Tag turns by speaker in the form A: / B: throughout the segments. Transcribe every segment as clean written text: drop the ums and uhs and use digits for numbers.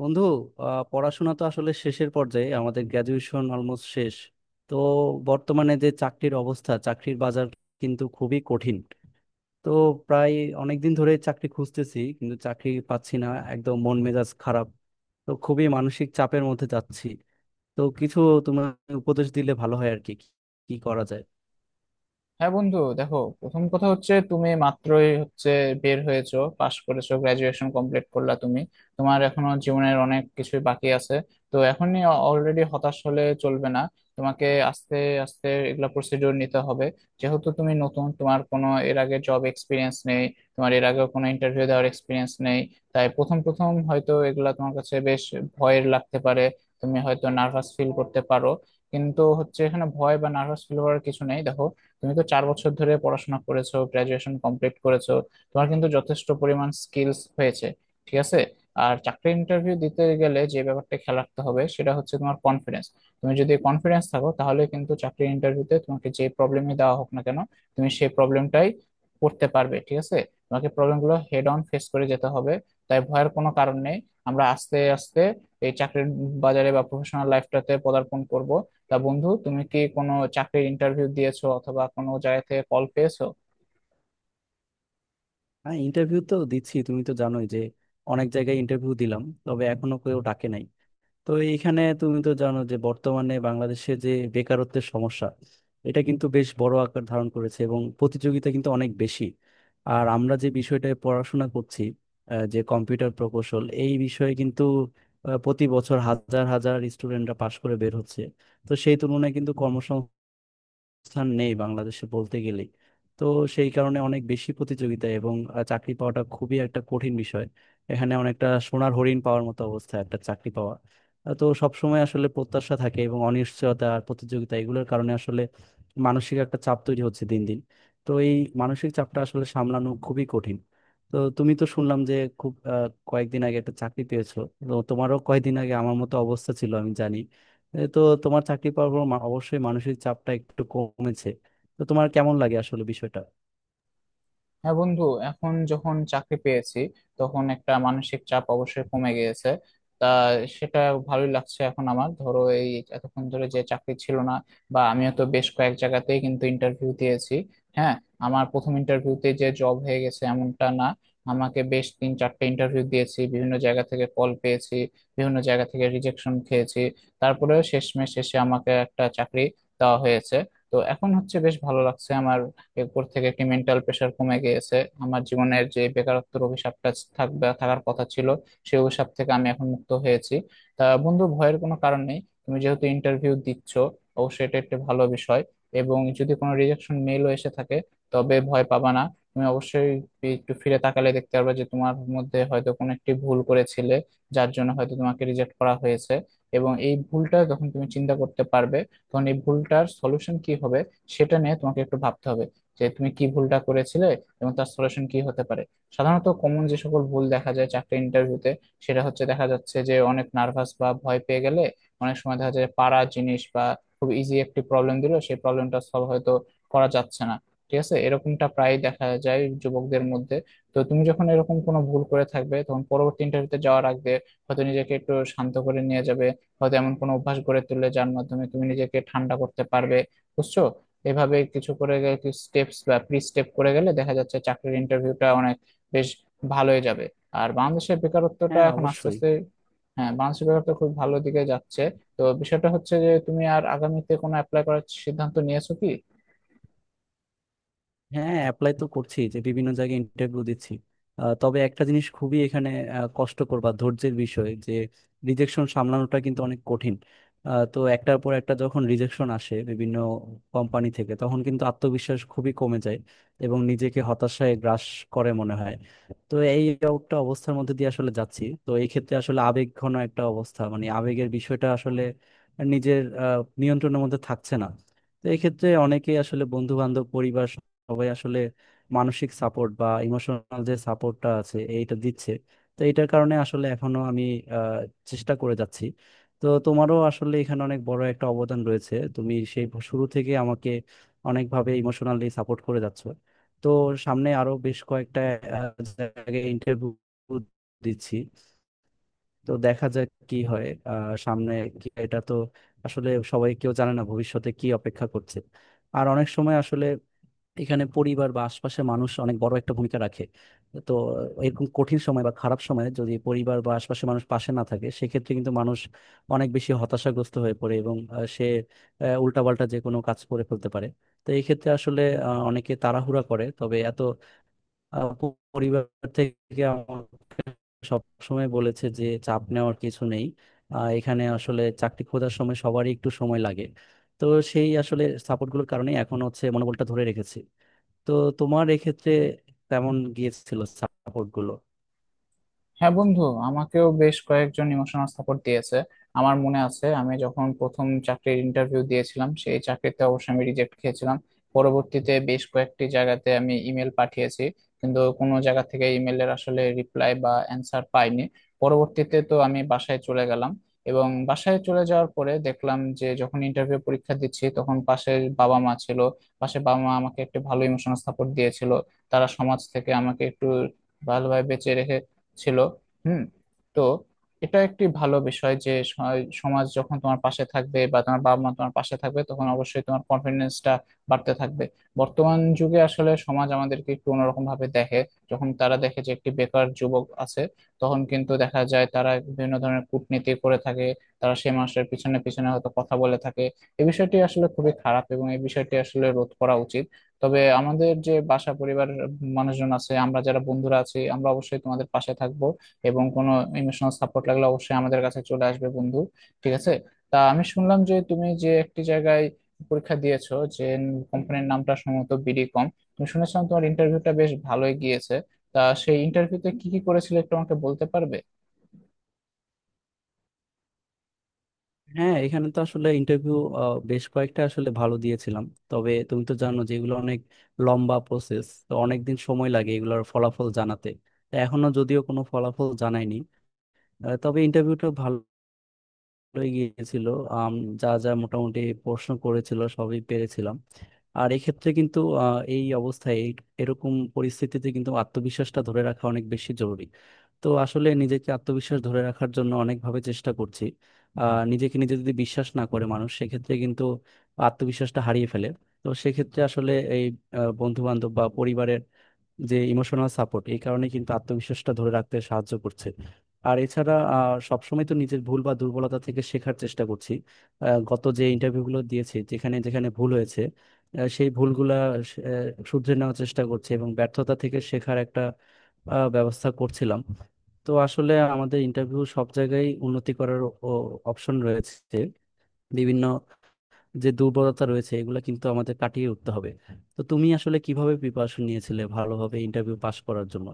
A: বন্ধু, পড়াশোনা তো আসলে শেষের পর্যায়ে, আমাদের গ্র্যাজুয়েশন অলমোস্ট শেষ। তো বর্তমানে যে চাকরির অবস্থা, চাকরির বাজার কিন্তু খুবই কঠিন। তো প্রায় অনেক দিন ধরে চাকরি খুঁজতেছি, কিন্তু চাকরি পাচ্ছি না। একদম মন মেজাজ খারাপ। তো খুবই মানসিক চাপের মধ্যে যাচ্ছি। তো কিছু তোমার উপদেশ দিলে ভালো হয়, আর কি কি কি করা যায়।
B: হ্যাঁ বন্ধু, দেখো, প্রথম কথা হচ্ছে তুমি মাত্রই বের হয়েছো, পাশ করেছো, গ্রাজুয়েশন কমপ্লিট করলা তুমি। তোমার এখনো জীবনের অনেক কিছুই বাকি আছে। তো এখনই অলরেডি হতাশ হলে চলবে না। তোমাকে আস্তে আস্তে এগুলা প্রসিডিওর নিতে হবে। যেহেতু তুমি নতুন, তোমার কোনো এর আগে জব এক্সপিরিয়েন্স নেই, তোমার এর আগে কোনো ইন্টারভিউ দেওয়ার এক্সপিরিয়েন্স নেই, তাই প্রথম প্রথম হয়তো এগুলা তোমার কাছে বেশ ভয়ের লাগতে পারে। তুমি হয়তো নার্ভাস ফিল করতে পারো, কিন্তু হচ্ছে এখানে ভয় বা নার্ভাস ফিল হওয়ার কিছু নেই। দেখো, তুমি তো 4 বছর ধরে পড়াশোনা করেছো, গ্রাজুয়েশন কমপ্লিট করেছো, তোমার কিন্তু যথেষ্ট পরিমাণ স্কিলস হয়েছে, ঠিক আছে? আর চাকরি ইন্টারভিউ দিতে গেলে যে ব্যাপারটা খেয়াল রাখতে হবে সেটা হচ্ছে তোমার কনফিডেন্স। তুমি যদি কনফিডেন্স থাকো, তাহলে কিন্তু চাকরি ইন্টারভিউতে তোমাকে যে প্রবলেমই দেওয়া হোক না কেন, তুমি সেই প্রবলেমটাই করতে পারবে, ঠিক আছে? তোমাকে প্রবলেমগুলো হেড অন ফেস করে যেতে হবে। তাই ভয়ের কোনো কারণ নেই। আমরা আস্তে আস্তে এই চাকরির বাজারে বা প্রফেশনাল লাইফটাতে পদার্পণ করব। তা বন্ধু, তুমি কি কোনো চাকরির ইন্টারভিউ দিয়েছো অথবা কোনো জায়গা থেকে কল পেয়েছো?
A: হ্যাঁ, ইন্টারভিউ তো দিচ্ছি, তুমি তো জানোই যে অনেক জায়গায় ইন্টারভিউ দিলাম, তবে এখনো কেউ ডাকে নাই। তো এইখানে তুমি তো জানো যে বর্তমানে বাংলাদেশে যে বেকারত্বের সমস্যা, এটা কিন্তু বেশ বড় আকার ধারণ করেছে, এবং প্রতিযোগিতা কিন্তু অনেক বেশি। আর আমরা যে বিষয়টায় পড়াশোনা করছি, যে কম্পিউটার প্রকৌশল, এই বিষয়ে কিন্তু প্রতি বছর হাজার হাজার স্টুডেন্টরা পাশ করে বের হচ্ছে। তো সেই তুলনায় কিন্তু স্থান নেই বাংলাদেশে বলতে গেলে। তো সেই কারণে অনেক বেশি প্রতিযোগিতা, এবং চাকরি পাওয়াটা খুবই একটা কঠিন বিষয়। এখানে অনেকটা সোনার হরিণ পাওয়ার মতো অবস্থা একটা চাকরি পাওয়া। তো সবসময় আসলে প্রত্যাশা থাকে, এবং অনিশ্চয়তা আর প্রতিযোগিতা এগুলোর কারণে আসলে মানসিক একটা চাপ তৈরি হচ্ছে দিন দিন। তো এই মানসিক চাপটা আসলে সামলানো খুবই কঠিন। তো তুমি তো শুনলাম যে খুব কয়েকদিন আগে একটা চাকরি পেয়েছো। তো তোমারও কয়েকদিন আগে আমার মতো অবস্থা ছিল, আমি জানি। এই তো তোমার চাকরি পাওয়ার পর অবশ্যই মানসিক চাপটা একটু কমেছে। তো তোমার কেমন লাগে আসলে বিষয়টা?
B: হ্যাঁ বন্ধু, এখন যখন চাকরি পেয়েছি তখন একটা মানসিক চাপ অবশ্যই কমে গিয়েছে। তা সেটা ভালোই লাগছে এখন আমার। ধরো এই এতক্ষণ ধরে যে চাকরি ছিল না, বা আমিও তো বেশ কয়েক জায়গাতেই কিন্তু ইন্টারভিউ দিয়েছি। হ্যাঁ, আমার প্রথম ইন্টারভিউতে যে জব হয়ে গেছে এমনটা না। আমাকে বেশ তিন চারটে ইন্টারভিউ দিয়েছি, বিভিন্ন জায়গা থেকে কল পেয়েছি, বিভিন্ন জায়গা থেকে রিজেকশন খেয়েছি। তারপরেও শেষমেশ শেষে আমাকে একটা চাকরি দেওয়া হয়েছে। তো এখন হচ্ছে বেশ ভালো লাগছে আমার। এরপর থেকে একটি মেন্টাল প্রেশার কমে গিয়েছে। আমার জীবনের যে বেকারত্বের অভিশাপটা থাকবে, থাকার কথা ছিল, সেই অভিশাপ থেকে আমি এখন মুক্ত হয়েছি। তা বন্ধু, ভয়ের কোনো কারণ নেই। তুমি যেহেতু ইন্টারভিউ দিচ্ছ, অবশ্যই এটা একটা ভালো বিষয়। এবং যদি কোনো রিজেকশন মেলও এসে থাকে, তবে ভয় পাবা না। তুমি অবশ্যই একটু ফিরে তাকালে দেখতে পারবে যে তোমার মধ্যে হয়তো কোনো একটি ভুল করেছিলে, যার জন্য হয়তো তোমাকে রিজেক্ট করা হয়েছে। এবং এই ভুলটা যখন তুমি চিন্তা করতে পারবে, তখন এই ভুলটার সলিউশন কি হবে সেটা নিয়ে তোমাকে একটু ভাবতে হবে। যে তুমি কি ভুলটা করেছিলে এবং তার সলিউশন কি হতে পারে। সাধারণত কমন যে সকল ভুল দেখা যায় চাকরি ইন্টারভিউতে সেটা হচ্ছে, দেখা যাচ্ছে যে অনেক নার্ভাস বা ভয় পেয়ে গেলে অনেক সময় দেখা যায় পাড়া জিনিস বা খুব ইজি একটি প্রবলেম দিল, সেই প্রবলেমটা সলভ হয়তো করা যাচ্ছে না। ঠিক আছে, এরকমটা প্রায় দেখা যায় যুবকদের মধ্যে। তো তুমি যখন এরকম কোনো ভুল করে থাকবে, তখন পরবর্তী ইন্টারভিউতে যাওয়ার আগে হয়তো নিজেকে একটু শান্ত করে নিয়ে যাবে। হয়তো এমন কোনো অভ্যাস গড়ে তুললে যার মাধ্যমে তুমি নিজেকে ঠান্ডা করতে পারবে, বুঝছো? এভাবে কিছু করে গেলে, কিছু স্টেপস বা প্রি স্টেপ করে গেলে দেখা যাচ্ছে চাকরির ইন্টারভিউটা অনেক বেশ ভালোই যাবে। আর বাংলাদেশের বেকারত্বটা
A: হ্যাঁ,
B: এখন আস্তে
A: অবশ্যই।
B: আস্তে, হ্যাঁ, বাংলাদেশের বেকারত্ব খুব ভালো দিকে যাচ্ছে। তো বিষয়টা হচ্ছে যে, তুমি আর আগামীতে কোনো অ্যাপ্লাই করার সিদ্ধান্ত নিয়েছো কি?
A: হ্যাঁ, অ্যাপ্লাই তো করছি, যে বিভিন্ন জায়গায় ইন্টারভিউ দিচ্ছি। তবে একটা জিনিস খুবই এখানে কষ্টকর বা ধৈর্যের বিষয়, যে রিজেকশন সামলানোটা কিন্তু অনেক কঠিন। তো একটার পর একটা যখন রিজেকশন আসে বিভিন্ন কোম্পানি থেকে, তখন কিন্তু আত্মবিশ্বাস খুবই কমে যায়, এবং নিজেকে হতাশায় গ্রাস করে মনে হয়। তো এই একটা অবস্থার মধ্যে দিয়ে আসলে যাচ্ছি। তো এই ক্ষেত্রে আসলে আবেগ ঘন একটা অবস্থা, মানে আবেগের বিষয়টা আসলে নিজের নিয়ন্ত্রণের মধ্যে থাকছে না। তো এক্ষেত্রে অনেকেই আসলে বন্ধু বান্ধব, সবাই আসলে মানসিক সাপোর্ট বা ইমোশনাল যে সাপোর্টটা আছে এইটা দিচ্ছে। তো এইটার কারণে আসলে এখনো আমি আহ, চেষ্টা করে যাচ্ছি। তো তোমারও আসলে এখানে অনেক বড় একটা অবদান রয়েছে, তুমি সেই শুরু থেকে আমাকে অনেকভাবে ইমোশনালি সাপোর্ট করে যাচ্ছ। তো সামনে আরো বেশ কয়েকটা আহ, জায়গায় ইন্টারভিউ দিচ্ছি। তো দেখা যাক কি হয় সামনে কি। এটা তো আসলে সবাই, কেউ জানে না ভবিষ্যতে কি অপেক্ষা করছে। আর অনেক সময় আসলে এখানে পরিবার বা আশপাশের মানুষ অনেক বড় একটা ভূমিকা রাখে। তো এরকম কঠিন সময় বা খারাপ সময়ে যদি পরিবার বা আশপাশের মানুষ পাশে না থাকে, সেক্ষেত্রে কিন্তু মানুষ অনেক বেশি হতাশাগ্রস্ত হয়ে পড়ে, এবং সে উল্টাপাল্টা যে কোনো কাজ করে ফেলতে পারে। তো এই ক্ষেত্রে আসলে অনেকে তাড়াহুড়া করে, তবে এত পরিবার থেকে আমাকে সবসময় বলেছে যে চাপ নেওয়ার কিছু নেই। এখানে আসলে চাকরি খোঁজার সময় সবারই একটু সময় লাগে। তো সেই আসলে সাপোর্টগুলোর কারণে এখন হচ্ছে মনোবলটা ধরে রেখেছি। তো তোমার এক্ষেত্রে তেমন গিয়েছিল সাপোর্ট গুলো?
B: হ্যাঁ বন্ধু, আমাকেও বেশ কয়েকজন ইমোশনাল সাপোর্ট দিয়েছে। আমার মনে আছে, আমি যখন প্রথম চাকরির ইন্টারভিউ দিয়েছিলাম, সেই চাকরিতে অবশ্যই আমি রিজেক্ট খেয়েছিলাম। পরবর্তীতে বেশ কয়েকটি জায়গাতে আমি ইমেল পাঠিয়েছি, কিন্তু কোনো জায়গা থেকে ইমেলের আসলে রিপ্লাই বা অ্যান্সার পাইনি। পরবর্তীতে তো আমি বাসায় চলে গেলাম, এবং বাসায় চলে যাওয়ার পরে দেখলাম যে যখন ইন্টারভিউ পরীক্ষা দিচ্ছি তখন পাশের বাবা মা ছিল। পাশে বাবা মা আমাকে একটু ভালো ইমোশনাল সাপোর্ট দিয়েছিল। তারা সমাজ থেকে আমাকে একটু ভালোভাবে বেঁচে রেখে ছিল হুম। তো এটা একটি ভালো বিষয় যে সমাজ যখন তোমার পাশে থাকবে বা তোমার বাবা মা তোমার পাশে থাকবে, তখন অবশ্যই তোমার কনফিডেন্সটা বাড়তে থাকবে। বর্তমান যুগে আসলে সমাজ আমাদেরকে একটু অন্যরকম ভাবে দেখে। যখন তারা দেখে যে একটি বেকার যুবক আছে, তখন কিন্তু দেখা যায় তারা বিভিন্ন ধরনের কূটনীতি করে থাকে। তারা সেই মানুষের পিছনে পিছনে হয়তো কথা বলে থাকে। এই বিষয়টি আসলে খুবই খারাপ, এবং এই বিষয়টি আসলে রোধ করা উচিত। তবে আমাদের যে বাসা পরিবারের মানুষজন আছে, আমরা যারা বন্ধুরা আছি, আমরা অবশ্যই তোমাদের পাশে থাকবো। এবং কোনো ইমোশনাল সাপোর্ট লাগলে অবশ্যই আমাদের কাছে চলে আসবে বন্ধু, ঠিক আছে? তা আমি শুনলাম যে তুমি যে একটি জায়গায় পরীক্ষা দিয়েছো, যে কোম্পানির নামটা সম্ভবত BD.com, তুমি শুনেছিলাম তোমার ইন্টারভিউটা বেশ ভালোই গিয়েছে। তা সেই ইন্টারভিউতে কি কি করেছিলে একটু আমাকে বলতে পারবে?
A: হ্যাঁ, এখানে তো আসলে ইন্টারভিউ বেশ কয়েকটা আসলে ভালো দিয়েছিলাম। তবে তুমি তো জানো যে এগুলো অনেক লম্বা প্রসেস, তো অনেক দিন সময় লাগে এগুলোর ফলাফল জানাতে। তো এখনো যদিও কোনো ফলাফল জানায়নি, তবে ইন্টারভিউটা ভালো হয়ে গিয়েছিল। আম, যা যা মোটামুটি প্রশ্ন করেছিল সবই পেরেছিলাম। আর এক্ষেত্রে কিন্তু এই অবস্থায় এরকম পরিস্থিতিতে কিন্তু আত্মবিশ্বাসটা ধরে রাখা অনেক বেশি জরুরি। তো আসলে নিজেকে আত্মবিশ্বাস ধরে রাখার জন্য অনেকভাবে চেষ্টা করছি। নিজেকে নিজে যদি বিশ্বাস না করে মানুষ, সেক্ষেত্রে কিন্তু আত্মবিশ্বাসটা হারিয়ে ফেলে। তো সেক্ষেত্রে আসলে এই বন্ধু বান্ধব বা পরিবারের যে ইমোশনাল সাপোর্ট, এই কারণে কিন্তু আত্মবিশ্বাসটা ধরে রাখতে সাহায্য করছে। আর এছাড়া সবসময় তো নিজের ভুল বা দুর্বলতা থেকে শেখার চেষ্টা করছি। গত যে ইন্টারভিউগুলো দিয়েছি যেখানে যেখানে ভুল হয়েছে, সেই ভুলগুলা শুধরে নেওয়ার চেষ্টা করছি, এবং ব্যর্থতা থেকে শেখার একটা ব্যবস্থা করছিলাম। তো আসলে আমাদের ইন্টারভিউ সব জায়গায় উন্নতি করার অপশন রয়েছে। বিভিন্ন যে দুর্বলতা রয়েছে, এগুলো কিন্তু আমাদের কাটিয়ে উঠতে হবে। তো তুমি আসলে কিভাবে প্রিপারেশন নিয়েছিলে ভালোভাবে ইন্টারভিউ পাস করার জন্য?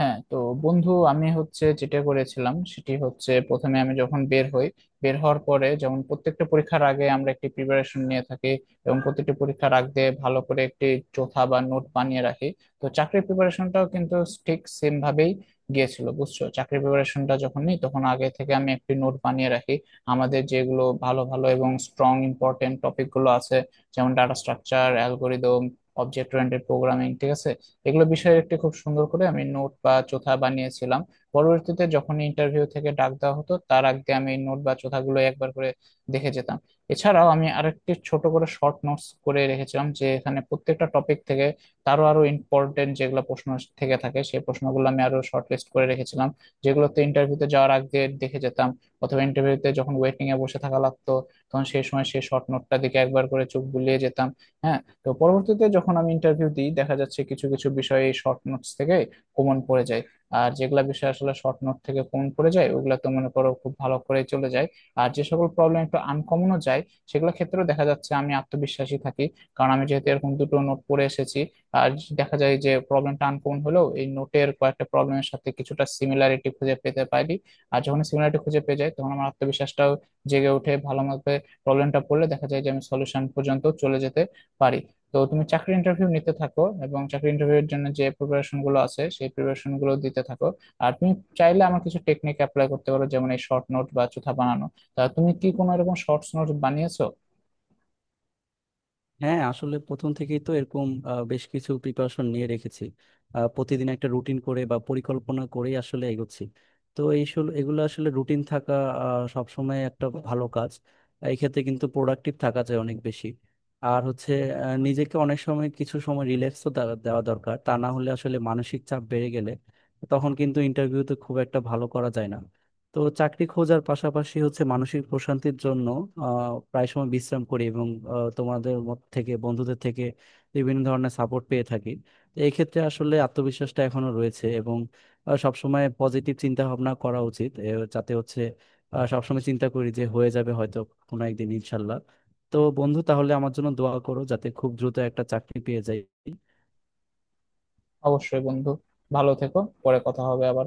B: হ্যাঁ তো বন্ধু, আমি হচ্ছে যেটা করেছিলাম সেটি হচ্ছে, প্রথমে আমি যখন বের হই, বের হওয়ার পরে যেমন প্রত্যেকটা পরীক্ষার আগে আমরা একটি প্রিপারেশন নিয়ে থাকি, এবং প্রত্যেকটা পরীক্ষার আগে ভালো করে একটি চোথা বা নোট বানিয়ে রাখি, তো চাকরির প্রিপারেশনটাও কিন্তু ঠিক সেম ভাবেই গিয়েছিল, বুঝছো? চাকরির প্রিপারেশনটা যখন নিই, তখন আগে থেকে আমি একটি নোট বানিয়ে রাখি। আমাদের যেগুলো ভালো ভালো এবং স্ট্রং ইম্পর্টেন্ট টপিকগুলো আছে, যেমন data structure, algorithm, object oriented programming, ঠিক আছে, এগুলো বিষয়ে একটি খুব সুন্দর করে আমি নোট বা চোথা বানিয়েছিলাম। পরবর্তীতে যখন ইন্টারভিউ থেকে ডাক দেওয়া হতো, তার আগে আমি এই নোট বা চোথাগুলো একবার করে দেখে যেতাম। এছাড়াও আমি আরেকটি ছোট করে শর্ট নোটস করে রেখেছিলাম, যে এখানে প্রত্যেকটা টপিক থেকে তারও আরো ইম্পর্টেন্ট যেগুলো প্রশ্ন থেকে থাকে, সেই প্রশ্নগুলো আমি আরো শর্ট লিস্ট করে রেখেছিলাম, যেগুলোতে ইন্টারভিউতে যাওয়ার আগে দেখে যেতাম। অথবা ইন্টারভিউতে যখন ওয়েটিং এ বসে থাকা লাগতো, তখন সেই সময় সেই শর্ট নোটটা দিকে একবার করে চোখ বুলিয়ে যেতাম। হ্যাঁ। তো পরবর্তীতে যখন আমি ইন্টারভিউ দিই, দেখা যাচ্ছে কিছু কিছু বিষয়ে শর্ট নোটস থেকে কমন পড়ে যায়। আর যেগুলা বিষয় আসলে শর্ট নোট থেকে কমন পড়ে যায়, ওগুলা তো মনে করো খুব ভালো করে চলে যায়। আর যে সকল প্রবলেম একটু আনকমনও যায়, সেগুলো ক্ষেত্রেও দেখা যাচ্ছে আমি আত্মবিশ্বাসী থাকি। কারণ আমি যেহেতু এরকম দুটো নোট পড়ে এসেছি, আর দেখা যায় যে প্রবলেমটা আনকমন হলেও এই নোটের কয়েকটা প্রবলেমের সাথে কিছুটা সিমিলারিটি খুঁজে পেতে পারি। আর যখন সিমিলারিটি খুঁজে পেয়ে যাই, তখন আমার আত্মবিশ্বাসটাও জেগে উঠে ভালো মতো। প্রবলেমটা পড়লে দেখা যায় যে আমি সলিউশন পর্যন্ত চলে যেতে পারি। তো তুমি চাকরি ইন্টারভিউ নিতে থাকো, এবং চাকরি ইন্টারভিউ এর জন্য যে প্রিপারেশন গুলো আছে সেই প্রিপারেশন গুলো দিতে থাকো। আর তুমি চাইলে আমার কিছু টেকনিক অ্যাপ্লাই করতে পারো, যেমন এই শর্ট নোট বা চোথা বানানো। তা তুমি কি কোনো এরকম শর্টস নোট বানিয়েছো?
A: হ্যাঁ, আসলে প্রথম থেকেই তো এরকম বেশ কিছু প্রিপারেশন নিয়ে রেখেছি। প্রতিদিন একটা রুটিন করে বা পরিকল্পনা করেই আসলে এগোচ্ছি। তো এগুলো আসলে রুটিন থাকা সবসময় একটা ভালো কাজ। এই ক্ষেত্রে কিন্তু প্রোডাক্টিভ থাকা যায় অনেক বেশি। আর হচ্ছে নিজেকে অনেক সময় কিছু সময় রিল্যাক্সও দেওয়া দরকার, তা না হলে আসলে মানসিক চাপ বেড়ে গেলে তখন কিন্তু ইন্টারভিউতে খুব একটা ভালো করা যায় না। তো চাকরি খোঁজার পাশাপাশি হচ্ছে মানসিক প্রশান্তির জন্য প্রায় সময় বিশ্রাম করি, এবং তোমাদের মত থেকে, বন্ধুদের থেকে বিভিন্ন ধরনের সাপোর্ট পেয়ে থাকি। তো এই ক্ষেত্রে আসলে আত্মবিশ্বাসটা এখনো রয়েছে, এবং সবসময় পজিটিভ চিন্তা ভাবনা করা উচিত এ, যাতে হচ্ছে সবসময় চিন্তা করি যে হয়ে যাবে হয়তো কোনো একদিন ইনশাল্লাহ। তো বন্ধু তাহলে আমার জন্য দোয়া করো, যাতে খুব দ্রুত একটা চাকরি পেয়ে যাই।
B: অবশ্যই বন্ধু, ভালো থেকো। পরে কথা হবে আবার।